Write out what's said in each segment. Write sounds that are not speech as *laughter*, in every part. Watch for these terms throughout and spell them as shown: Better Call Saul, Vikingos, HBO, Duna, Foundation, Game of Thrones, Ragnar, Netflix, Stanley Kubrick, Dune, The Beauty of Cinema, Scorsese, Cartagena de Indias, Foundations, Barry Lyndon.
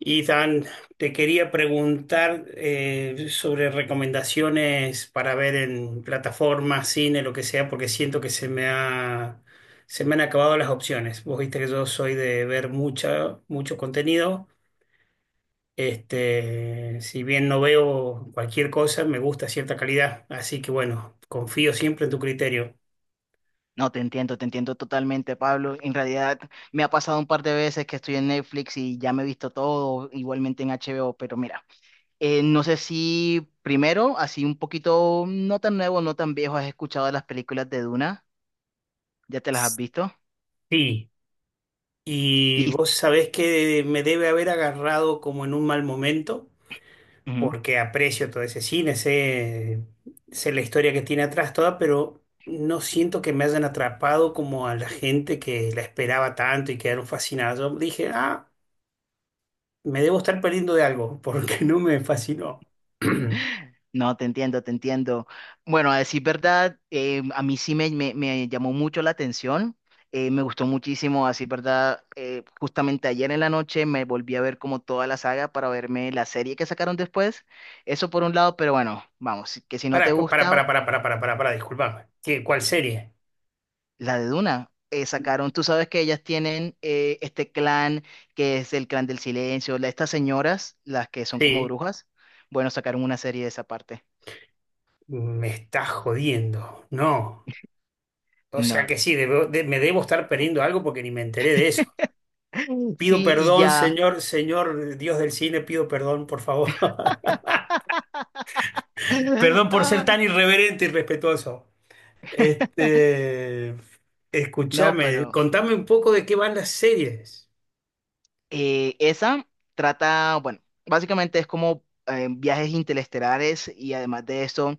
Ethan, te quería preguntar sobre recomendaciones para ver en plataformas, cine, lo que sea, porque siento que se me han acabado las opciones. Vos viste que yo soy de ver mucho contenido. Este, si bien no veo cualquier cosa, me gusta cierta calidad. Así que bueno, confío siempre en tu criterio. No, te entiendo totalmente, Pablo. En realidad me ha pasado un par de veces que estoy en Netflix y ya me he visto todo, igualmente en HBO, pero mira, no sé si primero, así un poquito, no tan nuevo, no tan viejo, has escuchado de las películas de Duna, ¿ya te las has visto? Sí. Y vos Listo. sabés que me debe haber agarrado como en un mal momento porque aprecio todo ese cine, sé la historia que tiene atrás toda, pero no siento que me hayan atrapado como a la gente que la esperaba tanto y quedaron fascinados. Yo dije, ah, me debo estar perdiendo de algo, porque *laughs* no me fascinó. *clears throat* No, te entiendo, te entiendo. Bueno, a decir verdad, a mí sí me llamó mucho la atención. Me gustó muchísimo, a decir verdad. Justamente ayer en la noche me volví a ver como toda la saga para verme la serie que sacaron después. Eso por un lado, pero bueno, vamos, que si no te gusta, para, disculpame. ¿ ¿Cuál serie? la de Duna. Sacaron, tú sabes que ellas tienen este clan que es el clan del silencio, estas señoras, las que son como Sí, brujas, bueno, sacaron una serie de esa parte. me está jodiendo. No. O sea No. que sí, me debo estar perdiendo algo porque ni me enteré de eso. *laughs* Pido Sí, y perdón, ya. Señor Dios del cine, pido perdón, por favor. *laughs* *laughs* Perdón por ser Ah. tan irreverente y respetuoso. Este, No, escúchame, pero contame un poco de qué van las series. Esa trata, bueno, básicamente es como viajes interestelares y además de eso,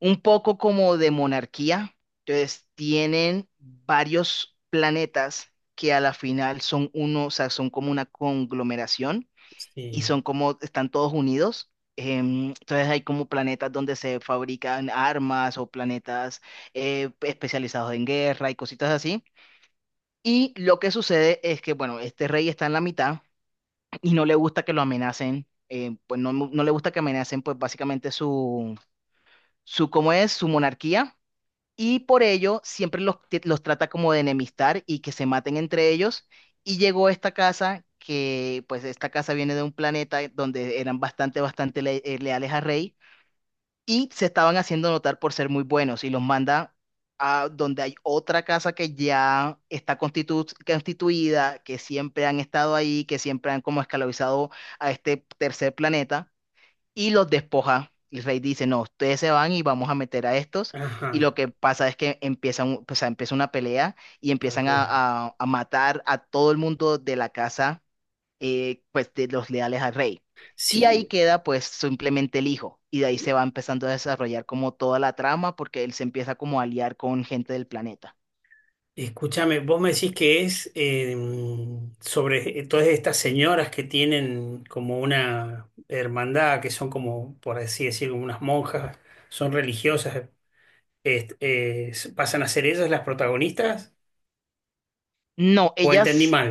un poco como de monarquía. Entonces, tienen varios planetas que a la final son uno, o sea, son como una conglomeración y Sí, son como, están todos unidos. Entonces hay como planetas donde se fabrican armas o planetas especializados en guerra y cositas así. Y lo que sucede es que, bueno, este rey está en la mitad y no le gusta que lo amenacen, pues no, no le gusta que amenacen, pues básicamente su, ¿cómo es? Su monarquía. Y por ello siempre los trata como de enemistar y que se maten entre ellos. Y llegó esta casa, que pues esta casa viene de un planeta donde eran bastante, leales al rey y se estaban haciendo notar por ser muy buenos y los manda a donde hay otra casa que ya está constituida, que siempre han estado ahí, que siempre han como esclavizado a este tercer planeta y los despoja. El rey dice, no, ustedes se van y vamos a meter a estos. Y lo ajá, que pasa es que empiezan, o sea, empieza una pelea y empiezan a, calculan. a matar a todo el mundo de la casa, pues de los leales al rey. Y Sí, ahí queda pues simplemente el hijo. Y de ahí se va empezando a desarrollar como toda la trama porque él se empieza como a aliar con gente del planeta. escúchame, vos me decís que es sobre todas estas señoras que tienen como una hermandad, que son como, por así decirlo, unas monjas, son religiosas, ¿pasan a ser ellas las protagonistas? No, ¿O entendí ellas, mal?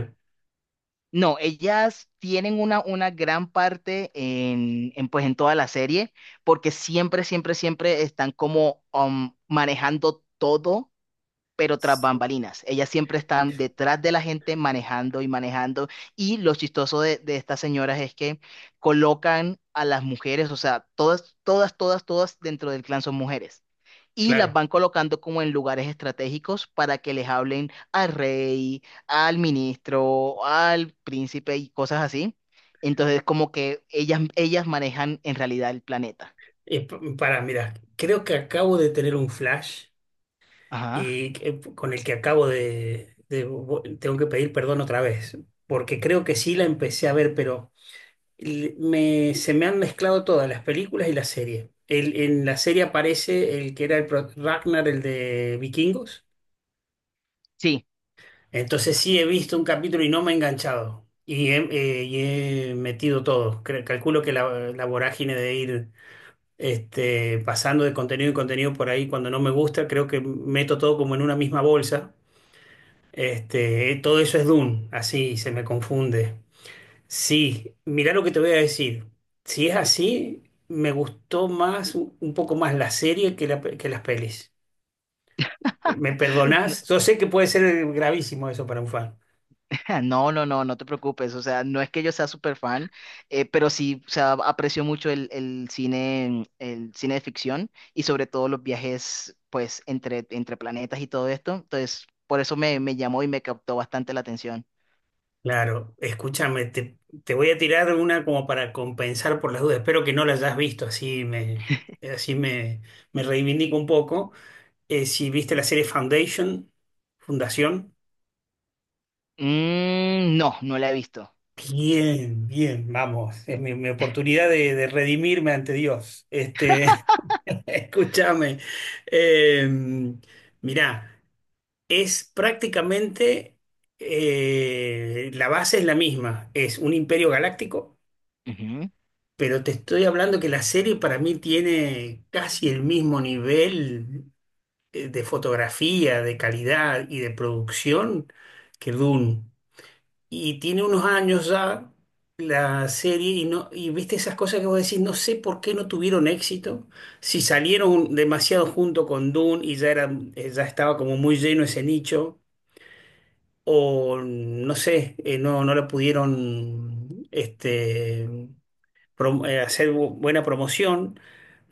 no, ellas tienen una gran parte en, pues en toda la serie porque siempre, siempre, siempre están como manejando todo pero tras Sí. bambalinas. Ellas siempre están detrás de la gente manejando y manejando. Y lo chistoso de estas señoras es que colocan a las mujeres, o sea, todas, todas, todas, todas dentro del clan son mujeres. Y las Claro. van colocando como en lugares estratégicos para que les hablen al rey, al ministro, al príncipe y cosas así. Entonces, como que ellas manejan en realidad el planeta. Para, mira, creo que acabo de tener un flash Ajá. Con el que acabo de tengo que pedir perdón otra vez, porque creo que sí la empecé a ver, pero se me han mezclado todas las películas y la serie. En la serie aparece el que era Ragnar, el de Vikingos. Sí. Entonces sí he visto un capítulo y no me he enganchado. Y he metido todo. Calculo que la vorágine de ir este, pasando de contenido en contenido por ahí cuando no me gusta, creo que meto todo como en una misma bolsa. Este, todo eso es Dune, así se me confunde. Sí, mirá lo que te voy a decir. Si es así, me gustó más, un poco más la serie que las pelis. ¿Me *gasps* perdonás? *laughs* Yo sé que puede ser gravísimo eso para un fan. *laughs* Ja, no, no, no, no te preocupes. O sea, no es que yo sea súper fan, pero sí, o sea, aprecio mucho el cine de ficción y sobre todo los viajes, pues, entre, entre planetas y todo esto. Entonces, por eso me, me llamó y me captó bastante la atención. Claro, escúchame, te voy a tirar una como para compensar por las dudas. Espero que no la hayas visto, así me, me reivindico un poco. Si viste la serie Foundation, Fundación, Mm, no, no la he visto. bien, bien, vamos, es mi oportunidad de redimirme ante Dios. Este, *laughs* escúchame, eh, mirá, es prácticamente, la base es la misma, es un imperio galáctico, Ujú, pero te estoy hablando que la serie para mí tiene casi el mismo nivel de fotografía, de calidad y de producción que Dune. Y tiene unos años ya la serie y no y viste esas cosas que vos decís, no sé por qué no tuvieron éxito, si salieron demasiado junto con Dune y ya era, ya estaba como muy lleno ese nicho, o no sé, no la pudieron este, hacer buena promoción,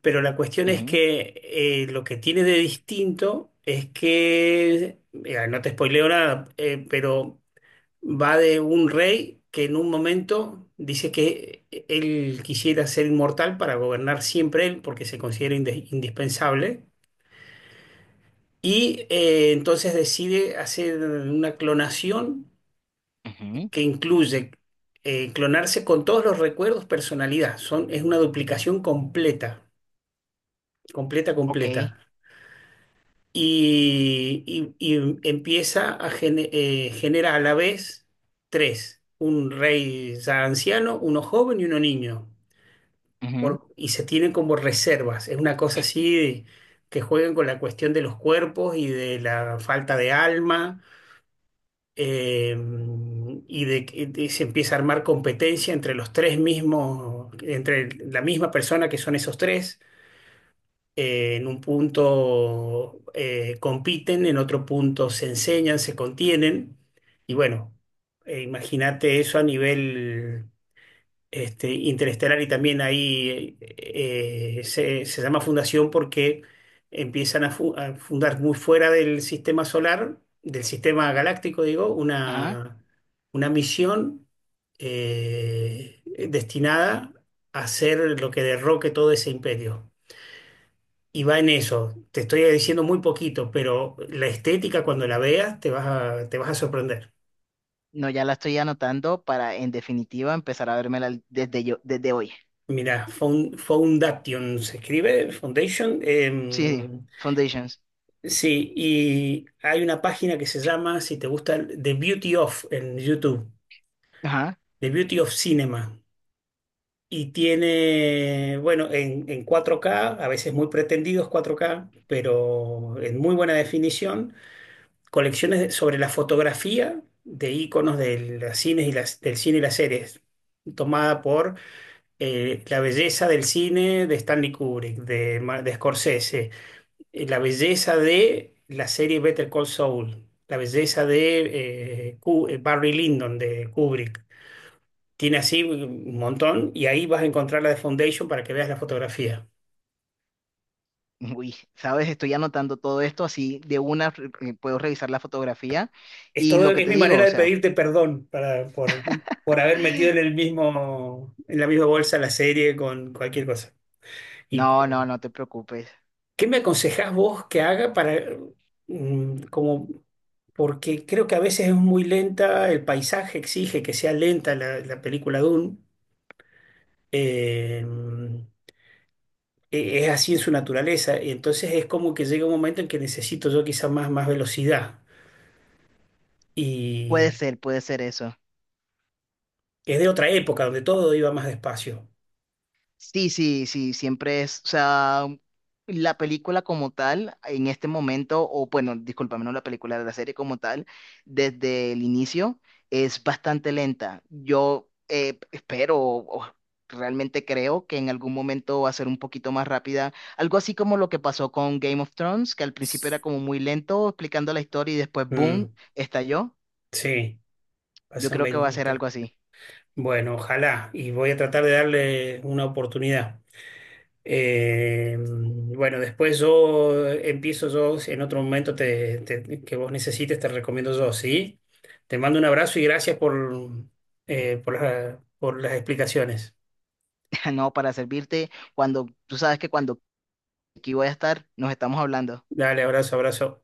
pero la cuestión es ujú, que lo que tiene de distinto es que, no te spoileo nada, pero va de un rey que en un momento dice que él quisiera ser inmortal para gobernar siempre él porque se considera indispensable y entonces decide hacer una clonación ujú. que incluye clonarse con todos los recuerdos, personalidad. Es una duplicación completa, completa, completa. Ok. Y empieza a genera a la vez tres, un rey ya anciano, uno joven y uno niño. Ujú, Y se tienen como reservas. Es una cosa así que juegan con la cuestión de los cuerpos y de la falta de alma eh, y de que se empieza a armar competencia entre los tres mismos, entre la misma persona que son esos tres. En un punto compiten, en otro punto se enseñan, se contienen. Y bueno, imagínate eso a nivel este, Interestelar y también ahí se llama fundación porque empiezan a fundar muy fuera del sistema solar, del sistema galáctico, digo, ajá. Una misión eh, destinada a hacer lo que derroque todo ese imperio. Y va en eso. Te estoy diciendo muy poquito, pero la estética cuando la veas te vas a sorprender. No, ya la estoy anotando para, en definitiva, empezar a vérmela desde yo, desde hoy. Mira, Foundation se escribe, Foundation. Sí, sí, Em, Foundations. sí, y hay una página que se llama, si te gusta, The Beauty of en YouTube, Ajá. The Beauty of Cinema. Y tiene, bueno, en 4K a veces muy pretendidos 4K pero en muy buena definición, colecciones sobre la fotografía de íconos cines del cine y las series, tomada por la belleza del cine de Stanley Kubrick, de Scorsese, la belleza de la serie Better Call Saul, la belleza de Barry Lyndon de Kubrick. Tiene así un montón y ahí vas a encontrar la de Foundation para que veas la fotografía. Uy, sabes, estoy anotando todo esto así de una puedo revisar la fotografía Es y todo, lo que es te mi digo, manera o de sea, pedirte perdón por haber metido en el mismo, en la misma bolsa la serie con cualquier cosa. ¿Y no, no, no te preocupes. qué me aconsejás vos que haga para, mm, como porque creo que a veces es muy lenta, el paisaje exige que sea lenta la película Dune? Eh, es así en su naturaleza. Y entonces es como que llega un momento en que necesito yo quizás más velocidad. Y Puede ser eso. es de otra época donde todo iba más despacio. Sí, sí, sí, siempre es, o sea, la película como tal, en este momento, o bueno, discúlpame, no la película, la serie como tal, desde el inicio, es bastante lenta. Yo espero, o realmente creo que en algún momento va a ser un poquito más rápida, algo así como lo que pasó con Game of Thrones, que al principio era como muy lento explicando la historia y después, Mm, boom, estalló. sí, Yo pasan creo que va a ser veinte. algo así. Bueno, ojalá. Y voy a tratar de darle una oportunidad. Bueno, después yo empiezo yo, si en otro momento que vos necesites, te recomiendo yo, ¿sí? Te mando un abrazo y gracias por por las explicaciones. *laughs* No, para servirte, cuando tú sabes que cuando aquí voy a estar, nos estamos hablando. Dale, abrazo, abrazo.